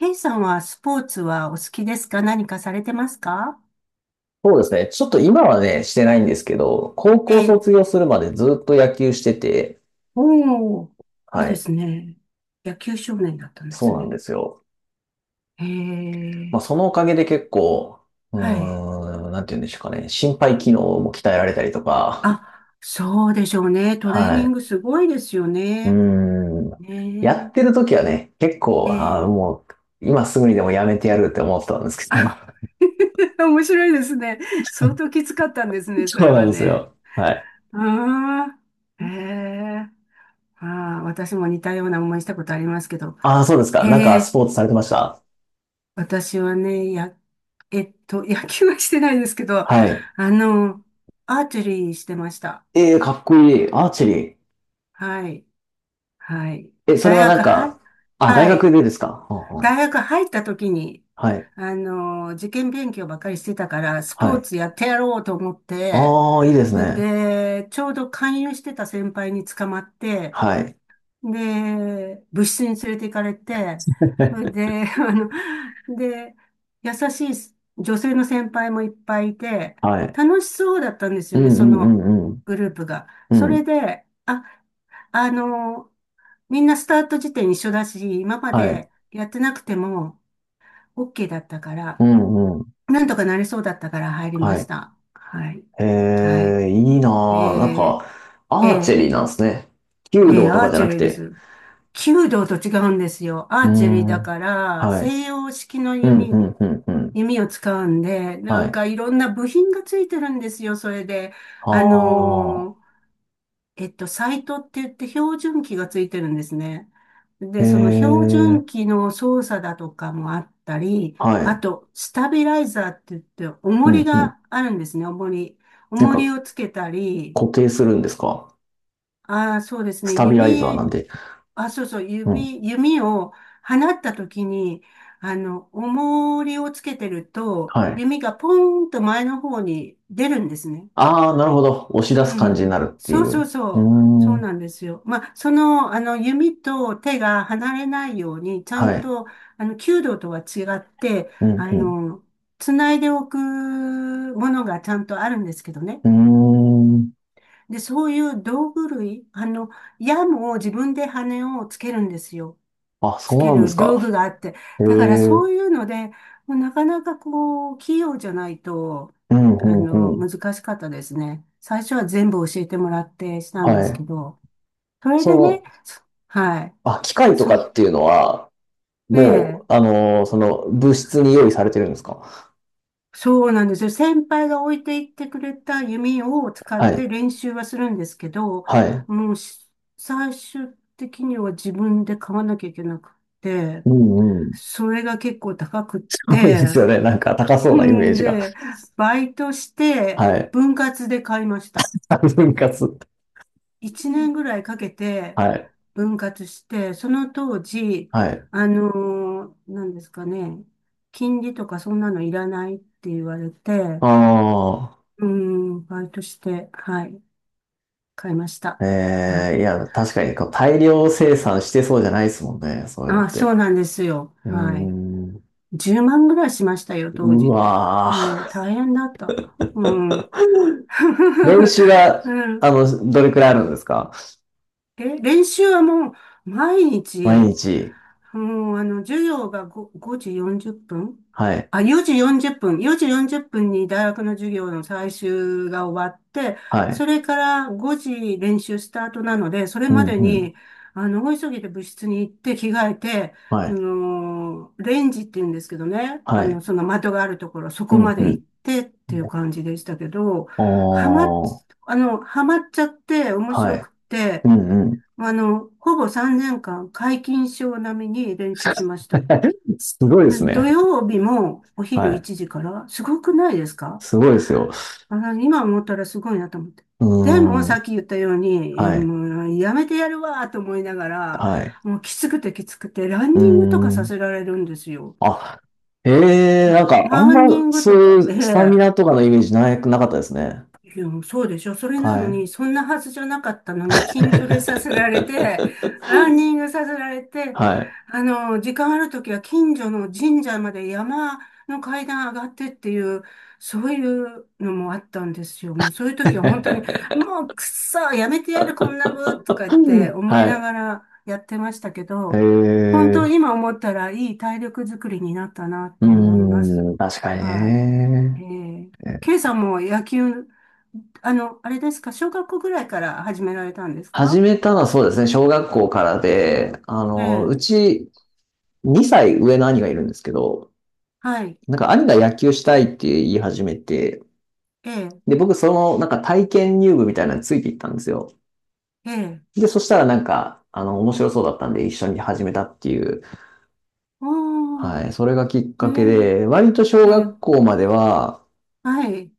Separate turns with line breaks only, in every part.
ケイさんはスポーツはお好きですか？何かされてますか？
そうですね。ちょっと今はね、してないんですけど、高
え
校
え。
卒業するまでずっと野球してて、
おー、いい
は
で
い。
すね。野球少年だったんで
そ
す
うなん
ね。
ですよ。
へ
まあ、
え、
そのおかげで結構、
はい。
なんて言うんでしょうかね。心肺機能も鍛えられたりとか、
あ、そうでしょうね。トレー
は
ニン
い。
グすごいですよ
うー
ね。
ん。や
ね
ってる時はね、結
え、
構、
え
あー
え。
もう、今すぐにでもやめてやるって思ってたんですけ
あ
ど。
面白いですね。相当きつかったんですね、そ
そう
れ
なん
は
です
ね。
よ。はい。
ああ、へえ。ああ、私も似たような思いしたことありますけど。
ああ、そうですか。
へ
なんかス
え。
ポーツされてました？
私はね、や、野球はしてないですけど、
はい。
あの、アーチェリーしてました。
ええ、かっこいい。アーチェリー。
はい。はい。
え、それ
大
はなん
学
か、
は、
あ、大
は
学
い。
でですか？ほうほう。
大学入った時に、
はい。
受験勉強ばっかりしてたから、スポ
は
ー
い。
ツやってやろうと思って、
ああ、いいです
それ
ね。
で、ちょうど勧誘してた先輩に捕まって、
はい。
で、部室に連れて行かれて、それ で、で、優しい女性の先輩もいっぱいいて、
はい。
楽しそうだったんです
う
よね、
んう
そ
んう
の
んうん。
グループが。
う
それ
ん。
で、あ、あの、みんなスタート時点一緒だし、今ま
はい。
でやってなくても OK だったか
う
ら、
んうん。
なんとかなりそうだったから入りま
は
し
い。
た。はい。はい。
いいなぁ、なん
え
か、
ー、
アー
え
チェリー
ー
なんですね。弓
ええ、
道と
ア
か
ー
じゃ
チェ
なく
リーで
て。
す。弓道と違うんですよ。
う
ア
ー
ーチェリーだ
ん。
から、
はい。
西洋式の
うんう
弓、
んうんうん。
弓を使うんで、な
は
ん
い。
かいろんな部品がついてるんですよ、それで。
あ
あ
あ、
のーサイトって言って標準器がついてるんですね。
え
で、その標
ー、
準器の操作だとかもあったり、
は
あ
い。
と、スタビライザーって言って、
う
重り
んうん。
があるんですね、重り。
なん
重り
か、
をつけたり、
固定するんですか？
ああ、そうです
ス
ね。
タビライザーなんで。
あ、そうそう、
うん。
指、弓を放った時に、重りをつけてると、
はい。
弓がポーンと前の方に出るんですね。
ああ、なるほど。押し出
う
す感じにな
ん。
るって
そ
い
うそう
う。う
そ
ー
う。そう
ん。
なんですよ。まあ、弓と手が離れないように、ちゃ
は
ん
い。
と、弓道とは違って、
うん、
つないでおくものがちゃんとあるんですけどね。
うん。うーん。
で、そういう道具類、矢も自分で羽をつけるんですよ。
あ、
つ
そう
け
なんで
る
すか。
道具があって。
へえ。
だから
う
そう
ん、
いうので、もうなかなかこう、器用じゃないと、
うん、うん。
難しかったですね。最初は全部教えてもらってしたん
は
です
い。
けど、それ
そ
でね、
の、
はい。
あ、機械と
そ、
かっていうのは、
ええ、
もう、その、物質に用意されてるんですか？
そうなんですよ。先輩が置いていってくれた弓を使
は
っ
い。
て練習はするんですけど、
はい。
もうし最終的には自分で買わなきゃいけなくて、
うんうん。
それが結構高くっ
そうで
て、
すよね。なんか高そうなイメー
ん
ジが。
で、バイトして、
はい。
分割で買いました。
分割。
一年ぐらいかけて、
はい。
分割して、その当時、
はい。
なんですかね、金利とかそんなのいらないって言われて、
ああ。
うん、バイトして、はい、買いました。は
え
い。
え、いや、確かにこう大量生産してそうじゃないですもんね、そういうのっ
あ、
て。
そうなんですよ。
うー
はい。
ん、
10万ぐらいしましたよ、当
う
時で。
わ
もう大変だった。うん。
ー。 練習 は、
うん
どれくらいあるんですか？
練習はもう毎
毎
日、
日。
もう授業が5、5時40分、
はい、
あ、4時40分。4時40分に大学の授業の最終が終わって、
は
そ
い、
れから5時練習スタートなので、それ
う
ま
ん、
で
うん、
に、大急ぎで部室に行って着替えて、
はい、
レンジって言うんですけどね、
はい、
その的があるところ、そ
う
こ
ん、
まで
うん。
行ってっていう感じでしたけど、
お
はまっ、
ー、
はまっちゃって面
は
白く
い、
っ
う
て、
ん、うん。
ほぼ3年間、皆勤賞並みに練習しました。
すごいで
で
す
土
ね。
曜日もお
は
昼
い。
1時から、すごくないですか？
すごいですよ。
今思ったらすごいなと思って。
う
でも、
ー
さ
ん。
っき言ったように、
はい。
もうやめてやるわと思いながら、
はい。
もうきつくてきつくて、ラン
うー
ニングとかさ
ん。
せられるんですよ。
あ、ええ、なんか、あん
ラ
ま、
ンニング
そう
と
い
か、え
うスタミ
え、
ナとかのイメージなくなかったですね。
いや、そうでしょ。それな
は
の
い。
に、そんなはずじゃなかったのに、筋トレさせられて、ランニン グさせられて、
はい。
時間あるときは近所の神社まで山の階段上がってっていう、そういうのもあったんですよ。もうそういうときは本当に、もうくっそ、やめてやる、こんなの、とか言って思い
は
な
い。
がらやってましたけ
え
ど、本当
え、
今思ったらいい体力づくりになったなと思います。
確かに
はい。え
ね。
ー、K さんも野球、あれですか、小学校ぐらいから始められたんです
始
か？
めたのはそうですね、小学校からで、
え
う
え、
ち2歳上の兄がいるんですけど、
はい、
なんか兄が野球したいって言い始めて、
ええ、
で、僕その、なんか体験入部みたいなのについていったんですよ。
ええ、
で、そしたらなんか、面白そうだったんで一緒に始めたっていう、
おー、
はい、それがきっ
え
かけで、割と小
え、え
学
え、
校までは、
はい、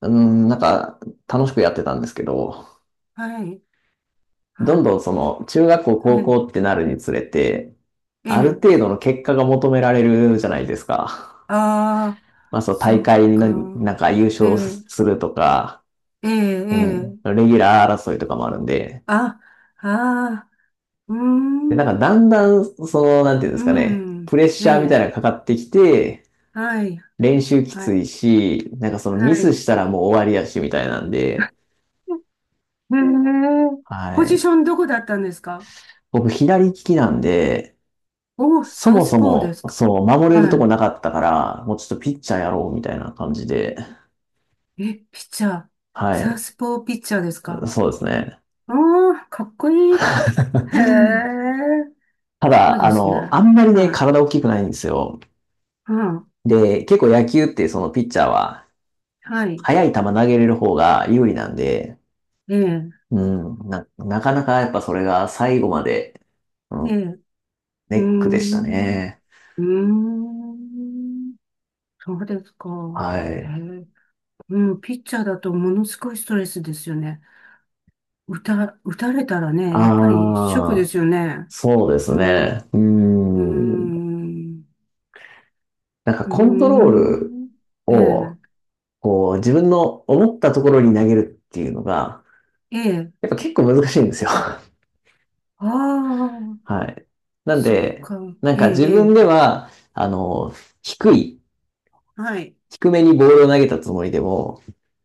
うん、なんか、楽しくやってたんですけど、
はい、は
どんどん
い、
その、中学校、
は
高
い、
校ってなるにつれて、
え
ある
え、
程度の結果が求められるじゃないですか。
ああ、
まあ、そう、大
そっ
会に
か、
なんか優
え
勝
え、
するとか、
ええ、
う
え
ん、
え、
レギュラー争いとかもあるんで、
あ、ああ、うー
で、なんか
ん、
だんだん、その、なんていうんで
う
すかね、
ん、
プレッシ
ね
ャーみたいなのがか
え、
かってきて、
はい、
練習き
は
つ
い、
いし、なんかそのミ
は
ス
い。
したらもう終わりやし、みたいなんで、
ええ、ポ
は
ジシ
い。
ョンどこだったんですか？
僕、左利きなんで、
お、
そ
サウ
も
ス
そ
ポーで
も、
すか。
そう、守れるとこ
は
なかったから、もうちょっとピッチャーやろう、みたいな感じで、
い。え、ピッチャー。
は
サウ
い。
スポーピッチャーですか？
そうですね。
ああ、かっこいい。へ え、
た
すごい
だ、
ですね。
あんまりね、
はい。
体大きくないんですよ。
うん。
で、結構野球ってそのピッチャーは、
はい。
速い球投げれる方が有利なんで、
ええ、
うん、なかなかやっぱそれが最後まで、う
ええ、
ん、
う
ネ
ー
ックでした
ん、
ね。
うーん、そうですか。
は
へ
い。
え、うん、ピッチャーだとものすごいストレスですよね。打たれたらね、やっぱりショック
あ
で
あ、
すよね。
そうで
う
す
ん、う
ね。うー
ー
ん。
ん、
なんか
うー
コントロール
ん、え
を、
え。
こう、自分の思ったところに投げるっていうのが、
ええ、
やっぱ結構難しいんですよ。
ああ、
はい。なん
そっ
で、
か、
なん
ええ、
か自
え
分
え、
では、低い、
はい、
低めにボールを投げたつもりでも、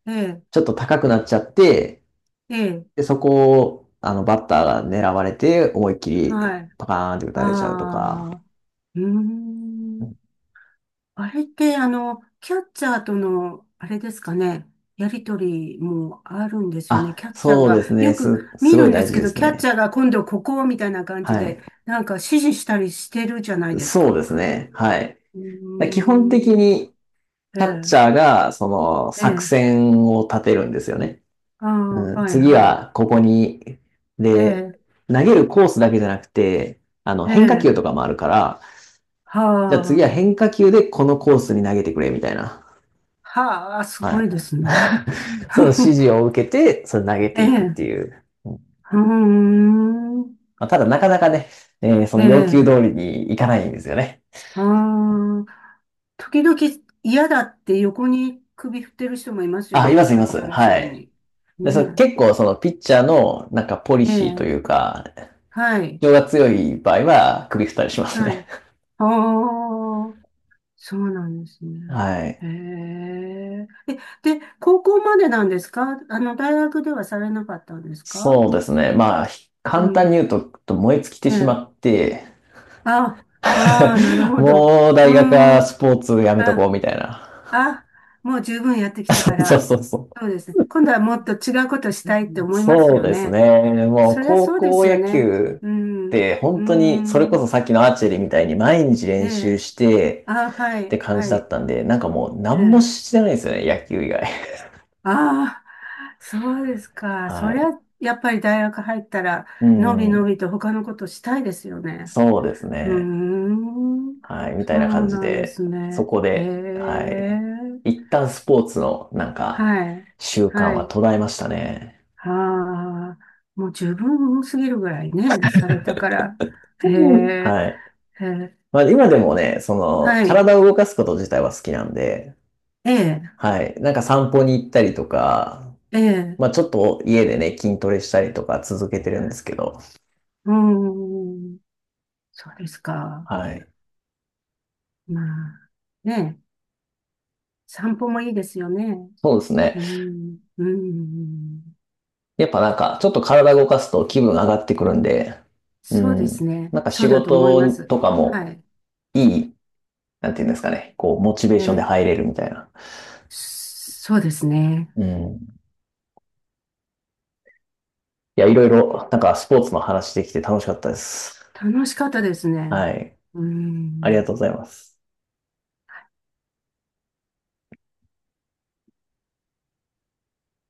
ええ、
ちょっと高くなっちゃって、
ええ、
で、そこを、バッターが狙われて、思いっきり
はい、
パカーンって打
あ
たれちゃうとか、
あ、うーん。あれって、キャッチャーとの、あれですかね、やりとりもあるんですよね。
あ、
キャッチャー
そう
が、
ですね。
よく
す
見
ご
る
い
んで
大
す
事
け
で
ど、
す
キャッチ
ね。
ャーが今度ここみたいな感じ
は
で、
い。
なんか指示したりしてるじゃないです
そうで
か。
すね。はい。
うー
基本的
ん、
に、
え
キャッチ
え、
ャーが、その、
え
作
え、
戦を立てるんですよね。
ああ、
うん、
はい、
次
はい、
は、ここに、
え
で、
え、
投げるコースだけじゃなくて、
え
変化球
え、
とかもあるから、
は
じゃあ次は変
あ。
化球でこのコースに投げてくれ、みたいな。
はあ、す
は
ごいで
い。
すね。
その指示 を受けて、それ投げて
え
いくっ
え、
ていう。
うーん、
まあ、ただ、なかなかね、その
え
要求
え、
通りにいかないんですよね。
ああ、時々嫌だって横に首振ってる人もいますよ
あ、い
ね、
ます、い
キャッ
ます。
チャーの指
は
示
い。
に。
で、
ね
結構そのピッチャーのなんかポリ
え、え
シーと
え、
いうか、
はい、
主張が強い場合は首振ったりします
はい。
ね。
ああ、そうなんです ね。
はい。
へえ、え、で、高校までなんですか？大学ではされなかったんですか？
そうですね。まあ、
う
簡単に
ん、
言うと、燃え尽きて
え
し
え、
まって、
あ、ああ、なる ほど。う
もう
ー
大学はス
ん、
ポーツやめとこ
あ、
うみたいな。
あ、もう十分やってきたか
そうそう
ら、
そうそう。
そうですね。今度はもっと違うことしたいって思います
そう
よ
です
ね。
ね。もう
そりゃ
高
そうで
校
すよ
野
ね。
球
う
っ
ん、う
て
ー
本当に、それこそさ
ん、
っきのアーチェリーみたいに毎日
え
練習
え。
して
あ、は
って
い、
感じ
は
だっ
い、
たんで、なんかもう
え
何も
え。
してないですよね、野球以外。
ああ、そうですか。そ
は
りゃ、
い。
やっぱり大学入ったら、
う
のびの
ん。
びと他のことしたいですよね。
そうです
うー
ね。
ん、
はい。みた
そ
いな
う
感じ
なんで
で、
す
そ
ね。
こ
へ
で、は
え、
い。一旦スポーツの、なんか、
はい、
習慣
は
は
い。
途絶えましたね。
ああ、もう十分すぎるぐらいね、されたから。へ
うん。
え、
はい。
へえ、
まあ、今でもね、その、
はい、
体を動かすこと自体は好きなんで、
ええ、
はい。なんか散歩に行ったりとか、
ええ、
まあ、ちょっと家でね、筋トレしたりとか続けてるんですけど、
うーん、そうですか。
はい。
まあ、ね、散歩もいいですよね。
そうですね。
うん、うん、
やっぱなんか、ちょっと体動かすと気分上がってくるんで、う
そうです
ん。
ね。
なんか
そ
仕
うだと思いま
事
す。
とかも
はい。
いい、なんていうんですかね、こう、モチベー
え
ションで
え、
入れるみたいな。
そうですね。
うん。いや、いろいろ、なんかスポーツの話できて楽しかったです。
楽しかったですね。
はい。
う
ありが
ん。
とうございます。